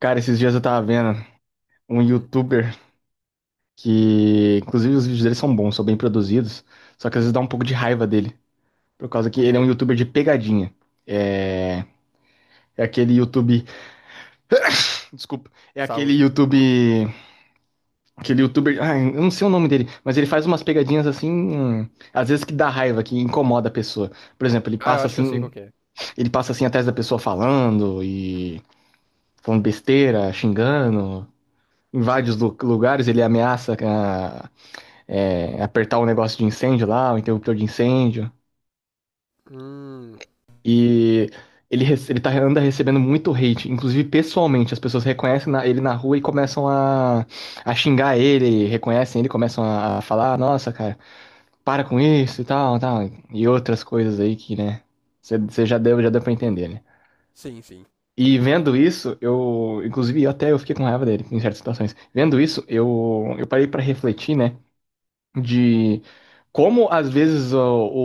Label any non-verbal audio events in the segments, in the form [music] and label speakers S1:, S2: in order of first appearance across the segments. S1: Cara, esses dias eu tava vendo um
S2: Hum,
S1: youtuber que, inclusive, os vídeos dele são bons, são bem produzidos, só que às vezes dá um pouco de raiva dele, por causa que
S2: por
S1: ele é um
S2: quê?
S1: youtuber de pegadinha. É, é aquele YouTube, desculpa, é aquele
S2: Saúde.
S1: YouTube, aquele youtuber, ah, eu não sei o nome dele, mas ele faz umas pegadinhas assim, às vezes que dá raiva, que incomoda a pessoa. Por exemplo,
S2: Ah, eu acho que eu sei qual que é.
S1: ele passa assim atrás da pessoa falando e falando besteira, xingando, invade os lugares, ele ameaça ah, é, apertar o negócio de incêndio lá, o interruptor de incêndio.
S2: Hum,
S1: E ele, ele tá, anda recebendo muito hate, inclusive pessoalmente. As pessoas reconhecem ele na rua e começam a xingar ele, reconhecem ele, começam a falar: "Ah, nossa, cara, para com isso e tal, tal. E outras coisas aí que, né, você já deu pra entender, né?
S2: sim, sim.
S1: E vendo isso, eu, inclusive, eu até eu fiquei com raiva dele em certas situações. Vendo isso, eu parei pra refletir, né? De como às vezes o,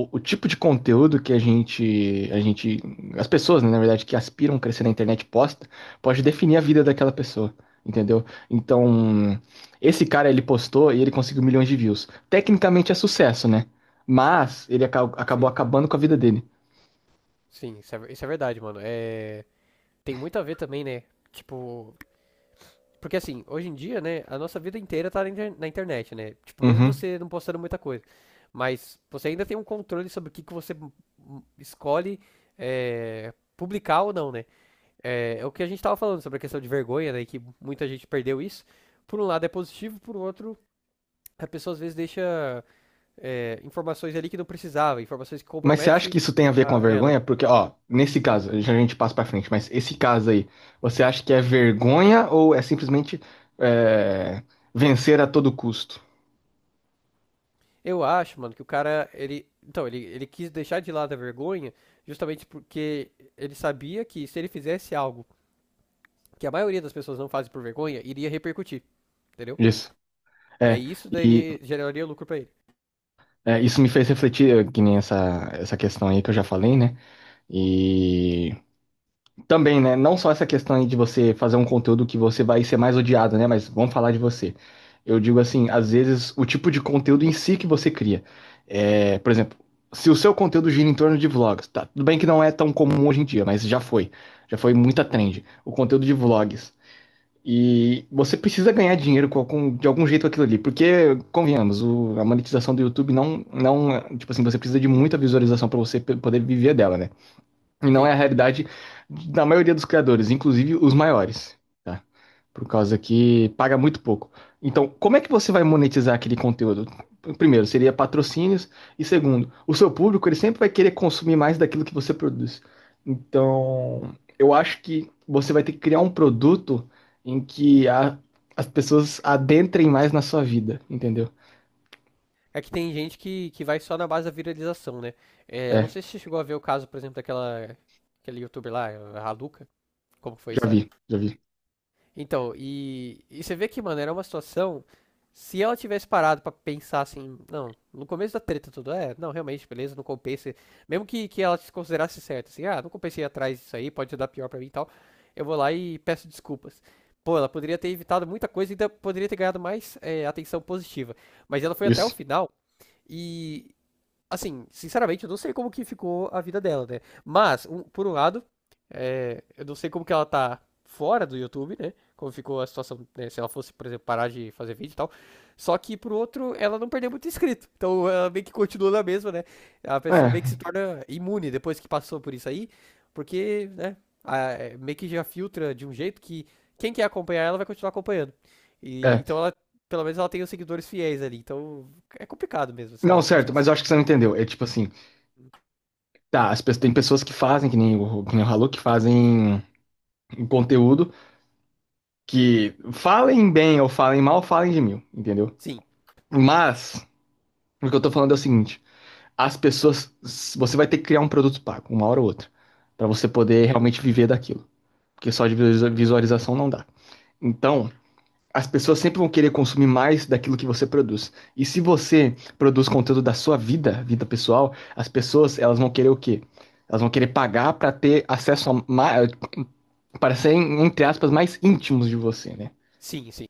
S1: o tipo de conteúdo que a gente, as pessoas, né, na verdade, que aspiram a crescer na internet posta, pode definir a vida daquela pessoa, entendeu? Então, esse cara ele postou e ele conseguiu milhões de views. Tecnicamente é sucesso, né? Mas ele acabou
S2: Sim,
S1: acabando com a vida dele.
S2: sim, isso é, isso é verdade, mano. É, tem muito a ver também, né? Tipo, porque assim, hoje em dia, né, a nossa vida inteira tá na internet, né? Tipo, mesmo
S1: Uhum.
S2: você não postando muita coisa, mas você ainda tem um controle sobre o que que você escolhe publicar ou não, né? É, é o que a gente tava falando sobre a questão de vergonha, né? Que muita gente perdeu isso. Por um lado é positivo, por outro, a pessoa às vezes deixa informações ali que não precisava, informações que
S1: Mas você acha
S2: compromete
S1: que isso tem a ver com a
S2: a ela.
S1: vergonha? Porque, ó, nesse caso, já a gente passa pra frente, mas esse caso aí, você acha que é vergonha ou é simplesmente é, vencer a todo custo?
S2: Eu acho, mano, que o cara, ele, então, ele quis deixar de lado a vergonha justamente porque ele sabia que se ele fizesse algo que a maioria das pessoas não fazem por vergonha, iria repercutir, entendeu?
S1: Isso. É,
S2: Daí isso
S1: e
S2: daria, geraria lucro pra ele.
S1: é, isso me fez refletir, que nem essa, essa questão aí que eu já falei, né? E também, né? Não só essa questão aí de você fazer um conteúdo que você vai ser mais odiado, né? Mas vamos falar de você. Eu digo assim, às vezes o tipo de conteúdo em si que você cria. É, por exemplo, se o seu conteúdo gira em torno de vlogs, tá? Tudo bem que não é tão comum hoje em dia, mas já foi. Já foi muita trend. O conteúdo de vlogs. E você precisa ganhar dinheiro com de algum jeito com aquilo ali. Porque, convenhamos, a monetização do YouTube não, não. Tipo assim, você precisa de muita visualização para você poder viver dela, né? E não é
S2: Sim.
S1: a realidade da maioria dos criadores, inclusive os maiores, tá? Por causa que paga muito pouco. Então, como é que você vai monetizar aquele conteúdo? Primeiro, seria patrocínios. E segundo, o seu público, ele sempre vai querer consumir mais daquilo que você produz. Então, eu acho que você vai ter que criar um produto em que as pessoas adentrem mais na sua vida, entendeu?
S2: É que tem gente que vai só na base da viralização, né? É, eu não
S1: É,
S2: sei se você chegou a ver o caso, por exemplo, daquela aquele youtuber lá, a Luca, como que foi a
S1: já
S2: história?
S1: vi, já vi.
S2: Então, e você vê que, mano, era uma situação. Se ela tivesse parado pra pensar assim, não, no começo da treta tudo, é, não, realmente, beleza, não compensa. Mesmo que ela se considerasse certa, assim, ah, não compensei atrás disso aí, pode dar pior pra mim e tal, eu vou lá e peço desculpas. Pô, ela poderia ter evitado muita coisa e ainda poderia ter ganhado mais atenção positiva. Mas ela foi até o
S1: Isso.
S2: final e assim, sinceramente, eu não sei como que ficou a vida dela, né? Mas, por um lado, eu não sei como que ela tá fora do YouTube, né? Como ficou a situação, né? Se ela fosse, por exemplo, parar de fazer vídeo e tal. Só que, por outro, ela não perdeu muito inscrito. Então, ela meio que continua na mesma, né? A pessoa meio que se
S1: É,
S2: torna imune depois que passou por isso aí. Porque, né? É, meio que já filtra de um jeito que quem quer acompanhar ela vai continuar acompanhando. E, então,
S1: é.
S2: ela, pelo menos ela tem os seguidores fiéis ali. Então, é complicado mesmo
S1: Não,
S2: essa
S1: certo, mas eu
S2: situação
S1: acho
S2: aí.
S1: que você não entendeu. É tipo assim. Tá, as pessoas, tem pessoas que fazem, que nem, que nem o Halu, que fazem um conteúdo que falem bem ou falem mal, falem de mil, entendeu?
S2: Sim.
S1: Mas, o que eu tô falando é o seguinte: as pessoas. Você vai ter que criar um produto pago, uma hora ou outra, pra você poder
S2: Uhum.
S1: realmente viver daquilo. Porque só de visualização não dá. Então, as pessoas sempre vão querer consumir mais daquilo que você produz. E se você produz conteúdo da sua vida, vida pessoal, as pessoas, elas vão querer o quê? Elas vão querer pagar para ter acesso a mais, parecerem, entre aspas, mais íntimos de você, né?
S2: Sim, sim.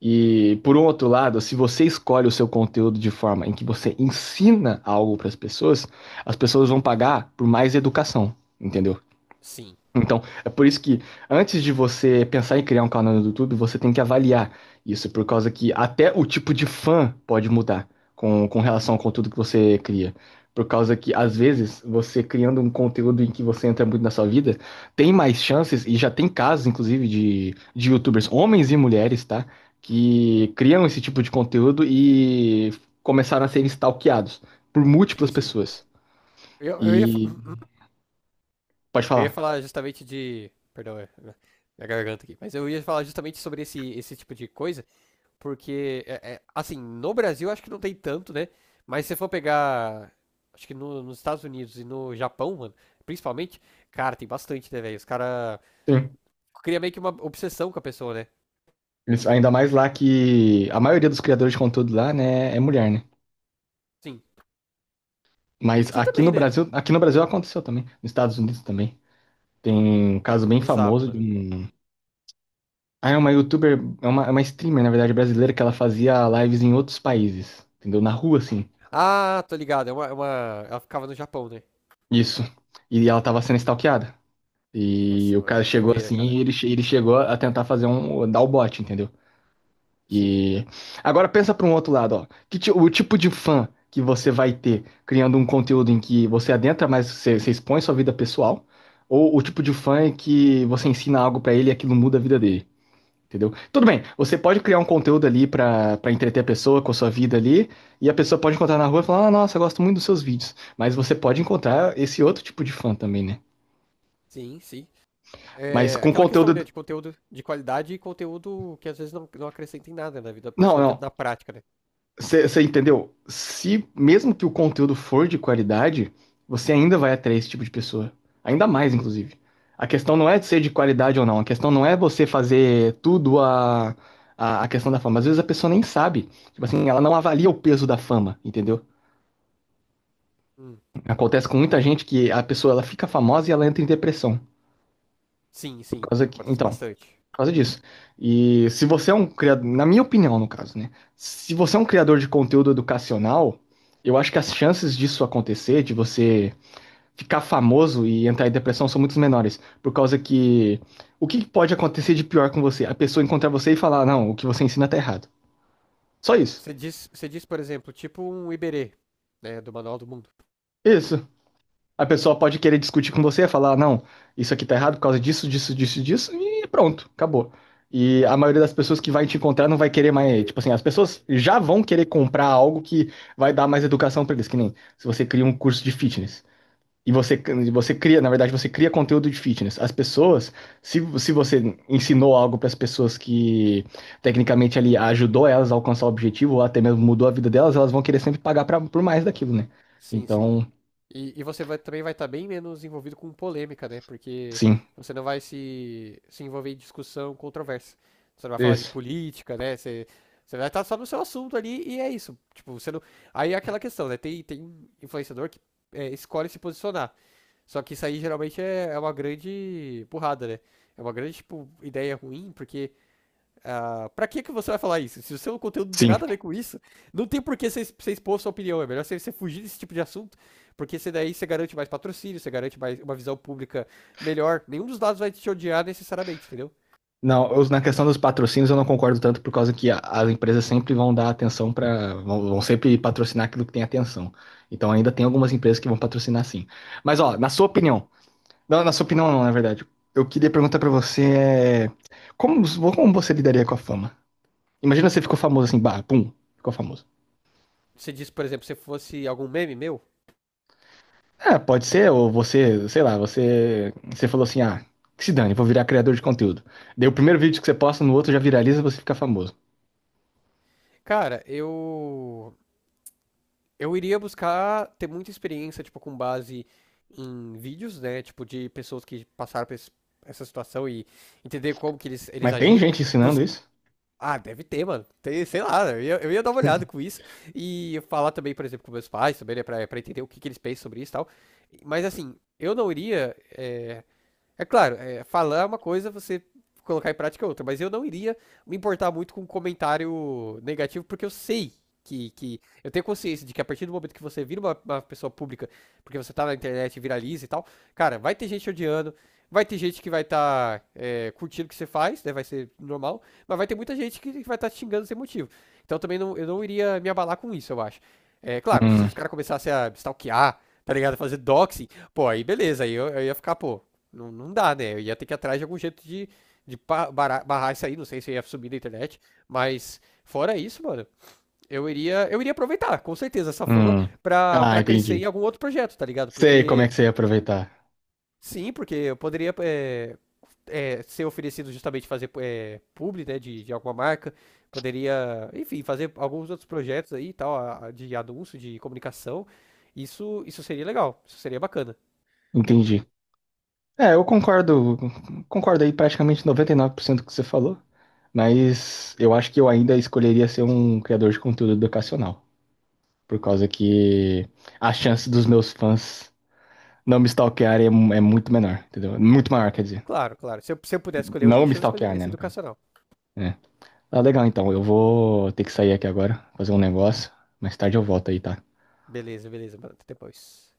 S1: E por um outro lado, se você escolhe o seu conteúdo de forma em que você ensina algo para as pessoas vão pagar por mais educação, entendeu?
S2: Sim.
S1: Então, é por isso que antes de você pensar em criar um canal no YouTube, você tem que avaliar isso, por causa que até o tipo de fã pode mudar com relação ao conteúdo que você cria. Por causa que, às vezes, você criando um conteúdo em que você entra muito na sua vida, tem mais chances, e já tem casos, inclusive, de YouTubers, homens e mulheres, tá? Que criam esse tipo de conteúdo e começaram a ser stalkeados por múltiplas
S2: Sim, sim.
S1: pessoas.
S2: Eu ia,
S1: E
S2: [laughs] [clears throat]
S1: pode
S2: eu ia
S1: falar.
S2: falar justamente de. Perdão, minha garganta aqui. Mas eu ia falar justamente sobre esse tipo de coisa, porque, assim, no Brasil acho que não tem tanto, né? Mas se você for pegar. Acho que nos Estados Unidos e no Japão, mano, principalmente, cara, tem bastante, né, velho? Os caras
S1: Sim.
S2: criam meio que uma obsessão com a pessoa, né?
S1: Eles- Ainda mais lá que a maioria dos criadores de conteúdo lá, né, é mulher, né?
S2: Sim.
S1: Mas
S2: Aqui também, né?
S1: Aqui no Brasil aconteceu também, nos Estados Unidos também. Tem um caso bem
S2: Bizarro,
S1: famoso de
S2: mano.
S1: um. Ah, é uma youtuber, é uma streamer, na verdade, brasileira, que ela fazia lives em outros países, entendeu? Na rua, assim.
S2: Ah, tô ligado. É uma... Ela ficava no Japão, né?
S1: Isso. E ela tava sendo stalkeada. E
S2: Nossa,
S1: o
S2: mano,
S1: cara
S2: que
S1: chegou
S2: doideira,
S1: assim
S2: cara.
S1: e ele, ele chegou a tentar fazer um. Dar o bote, entendeu?
S2: Sim,
S1: E agora pensa para um outro lado, ó. Que o tipo de fã que você vai ter criando um conteúdo em que você adentra, mas você, você expõe sua vida pessoal, ou o tipo de fã em que você ensina algo para ele e aquilo muda a vida dele, entendeu? Tudo bem, você pode criar um conteúdo ali para para entreter a pessoa com a sua vida ali, e a pessoa pode encontrar na rua e falar: "Ah, nossa, eu gosto muito dos seus vídeos". Mas você pode encontrar esse outro tipo de fã também, né?
S2: sim, sim.
S1: Mas
S2: É
S1: com
S2: aquela questão, né,
S1: conteúdo
S2: de conteúdo de qualidade e conteúdo que às vezes não, não acrescenta em nada na vida da
S1: não,
S2: pessoa
S1: não.
S2: na prática, né?
S1: Você entendeu? Se mesmo que o conteúdo for de qualidade, você ainda vai atrair esse tipo de pessoa. Ainda mais, inclusive. A questão não é de ser de qualidade ou não. A questão não é você fazer tudo a questão da fama. Às vezes a pessoa nem sabe. Tipo assim, ela não avalia o peso da fama, entendeu?
S2: Hum,
S1: Acontece com muita gente que a pessoa ela fica famosa e ela entra em depressão.
S2: sim,
S1: Por
S2: sim,
S1: causa que-
S2: acontece
S1: então,
S2: bastante.
S1: por causa disso. E se você é um criador, na minha opinião, no caso, né? Se você é um criador de conteúdo educacional, eu acho que as chances disso acontecer, de você ficar famoso e entrar em depressão, são muito menores. Por causa que o que pode acontecer de pior com você? A pessoa encontrar você e falar, não, o que você ensina tá errado. Só isso.
S2: Você diz, por exemplo, tipo um Iberê, né, do Manual do Mundo.
S1: Isso. A pessoa pode querer discutir com você, falar, não, isso aqui tá errado por causa disso, disso, disso, disso, e pronto, acabou. E a maioria das pessoas que vai te encontrar não vai querer mais, tipo assim, as pessoas já vão querer comprar algo que vai dar mais educação pra eles, que nem se você cria um curso de fitness. E você, você cria, na verdade, você cria conteúdo de fitness. As pessoas, se você ensinou algo para as pessoas que tecnicamente ali ajudou elas a alcançar o objetivo, ou até mesmo mudou a vida delas, elas vão querer sempre pagar pra, por mais daquilo, né?
S2: Sim, sim.
S1: Então,
S2: E você também vai estar bem menos envolvido com polêmica, né? Porque
S1: sim.
S2: você não vai se envolver em discussão controversa. Você não vai falar de
S1: Isso.
S2: política, né? Você, você vai estar só no seu assunto ali e é isso. Tipo, você não... Aí é aquela questão, né? Tem, tem influenciador que escolhe se posicionar. Só que isso aí geralmente é uma grande burrada, né? É uma grande, tipo, ideia ruim, porque ah, pra que que você vai falar isso? Se o seu conteúdo não tem
S1: Sim.
S2: nada a ver com isso, não tem por que você, você expor sua opinião. É melhor você, você fugir desse tipo de assunto, porque você daí você garante mais patrocínio, você garante mais uma visão pública melhor. Nenhum dos lados vai te odiar necessariamente, entendeu?
S1: Não, eu- na questão dos patrocínios eu não concordo tanto por causa que as empresas sempre vão dar atenção para, vão, vão sempre patrocinar aquilo que tem atenção. Então ainda tem algumas empresas que vão patrocinar sim. Mas ó, na sua opinião, não, na sua opinião não, na verdade. Eu queria perguntar pra você é, como, como você lidaria com a fama? Imagina você ficou famoso assim, bah, pum, ficou famoso.
S2: Você disse, por exemplo, se fosse algum meme meu,
S1: É, pode ser, ou você, sei lá, você, você falou assim, ah, que se dane, vou virar criador de conteúdo. Daí o primeiro vídeo que você posta no outro já viraliza e você fica famoso.
S2: cara, eu iria buscar ter muita experiência, tipo, com base em vídeos, né? Tipo, de pessoas que passaram por essa situação e entender como que eles
S1: Mas tem
S2: agiram.
S1: gente
S2: Bus-
S1: ensinando isso?
S2: Ah, deve ter, mano. Tem, sei lá, eu ia dar uma olhada com isso. E falar também, por exemplo, com meus pais, também, né, pra entender o que, que eles pensam sobre isso e tal. Mas assim, eu não iria. É claro, falar é uma coisa, você colocar em prática é outra, mas eu não iria me importar muito com comentário negativo, porque eu sei que eu tenho consciência de que a partir do momento que você vira uma pessoa pública, porque você tá na internet, viraliza e tal, cara, vai ter gente odiando, vai ter gente que vai estar curtindo o que você faz, né? Vai ser normal, mas vai ter muita gente que vai estar xingando sem motivo. Então também não, eu não iria me abalar com isso, eu acho. É claro, se
S1: Hum,
S2: os caras começassem a stalkear, tá ligado? Fazer doxing, pô, aí beleza, eu ia ficar, pô, não, não dá, né? Eu ia ter que ir atrás de algum jeito de, de pa- barrar isso aí. Não sei se ia subir na internet. Mas, fora isso, mano, eu iria aproveitar, com certeza, essa fama
S1: hum. Ah,
S2: pra crescer em
S1: entendi.
S2: algum outro projeto, tá ligado?
S1: Sei como é
S2: Porque,
S1: que você ia aproveitar.
S2: sim, porque eu poderia ser oferecido justamente fazer publi, né, de alguma marca. Poderia, enfim, fazer alguns outros projetos aí e tal, de anúncio, de comunicação. Isso seria legal, isso seria bacana.
S1: Entendi. É, eu concordo, concordo aí praticamente 99% do que você falou, mas eu acho que eu ainda escolheria ser um criador de conteúdo educacional, por causa que a chance dos meus fãs não me stalkearem é, é muito menor, entendeu? Muito maior, quer dizer.
S2: Claro, claro. Se eu pudesse escolher o
S1: Não me
S2: nicho, eu
S1: stalkear,
S2: escolheria
S1: né,
S2: esse
S1: no caso.
S2: educacional.
S1: É. Ah, legal, então. Eu vou ter que sair aqui agora, fazer um negócio. Mais tarde eu volto aí, tá?
S2: Beleza, beleza, até depois.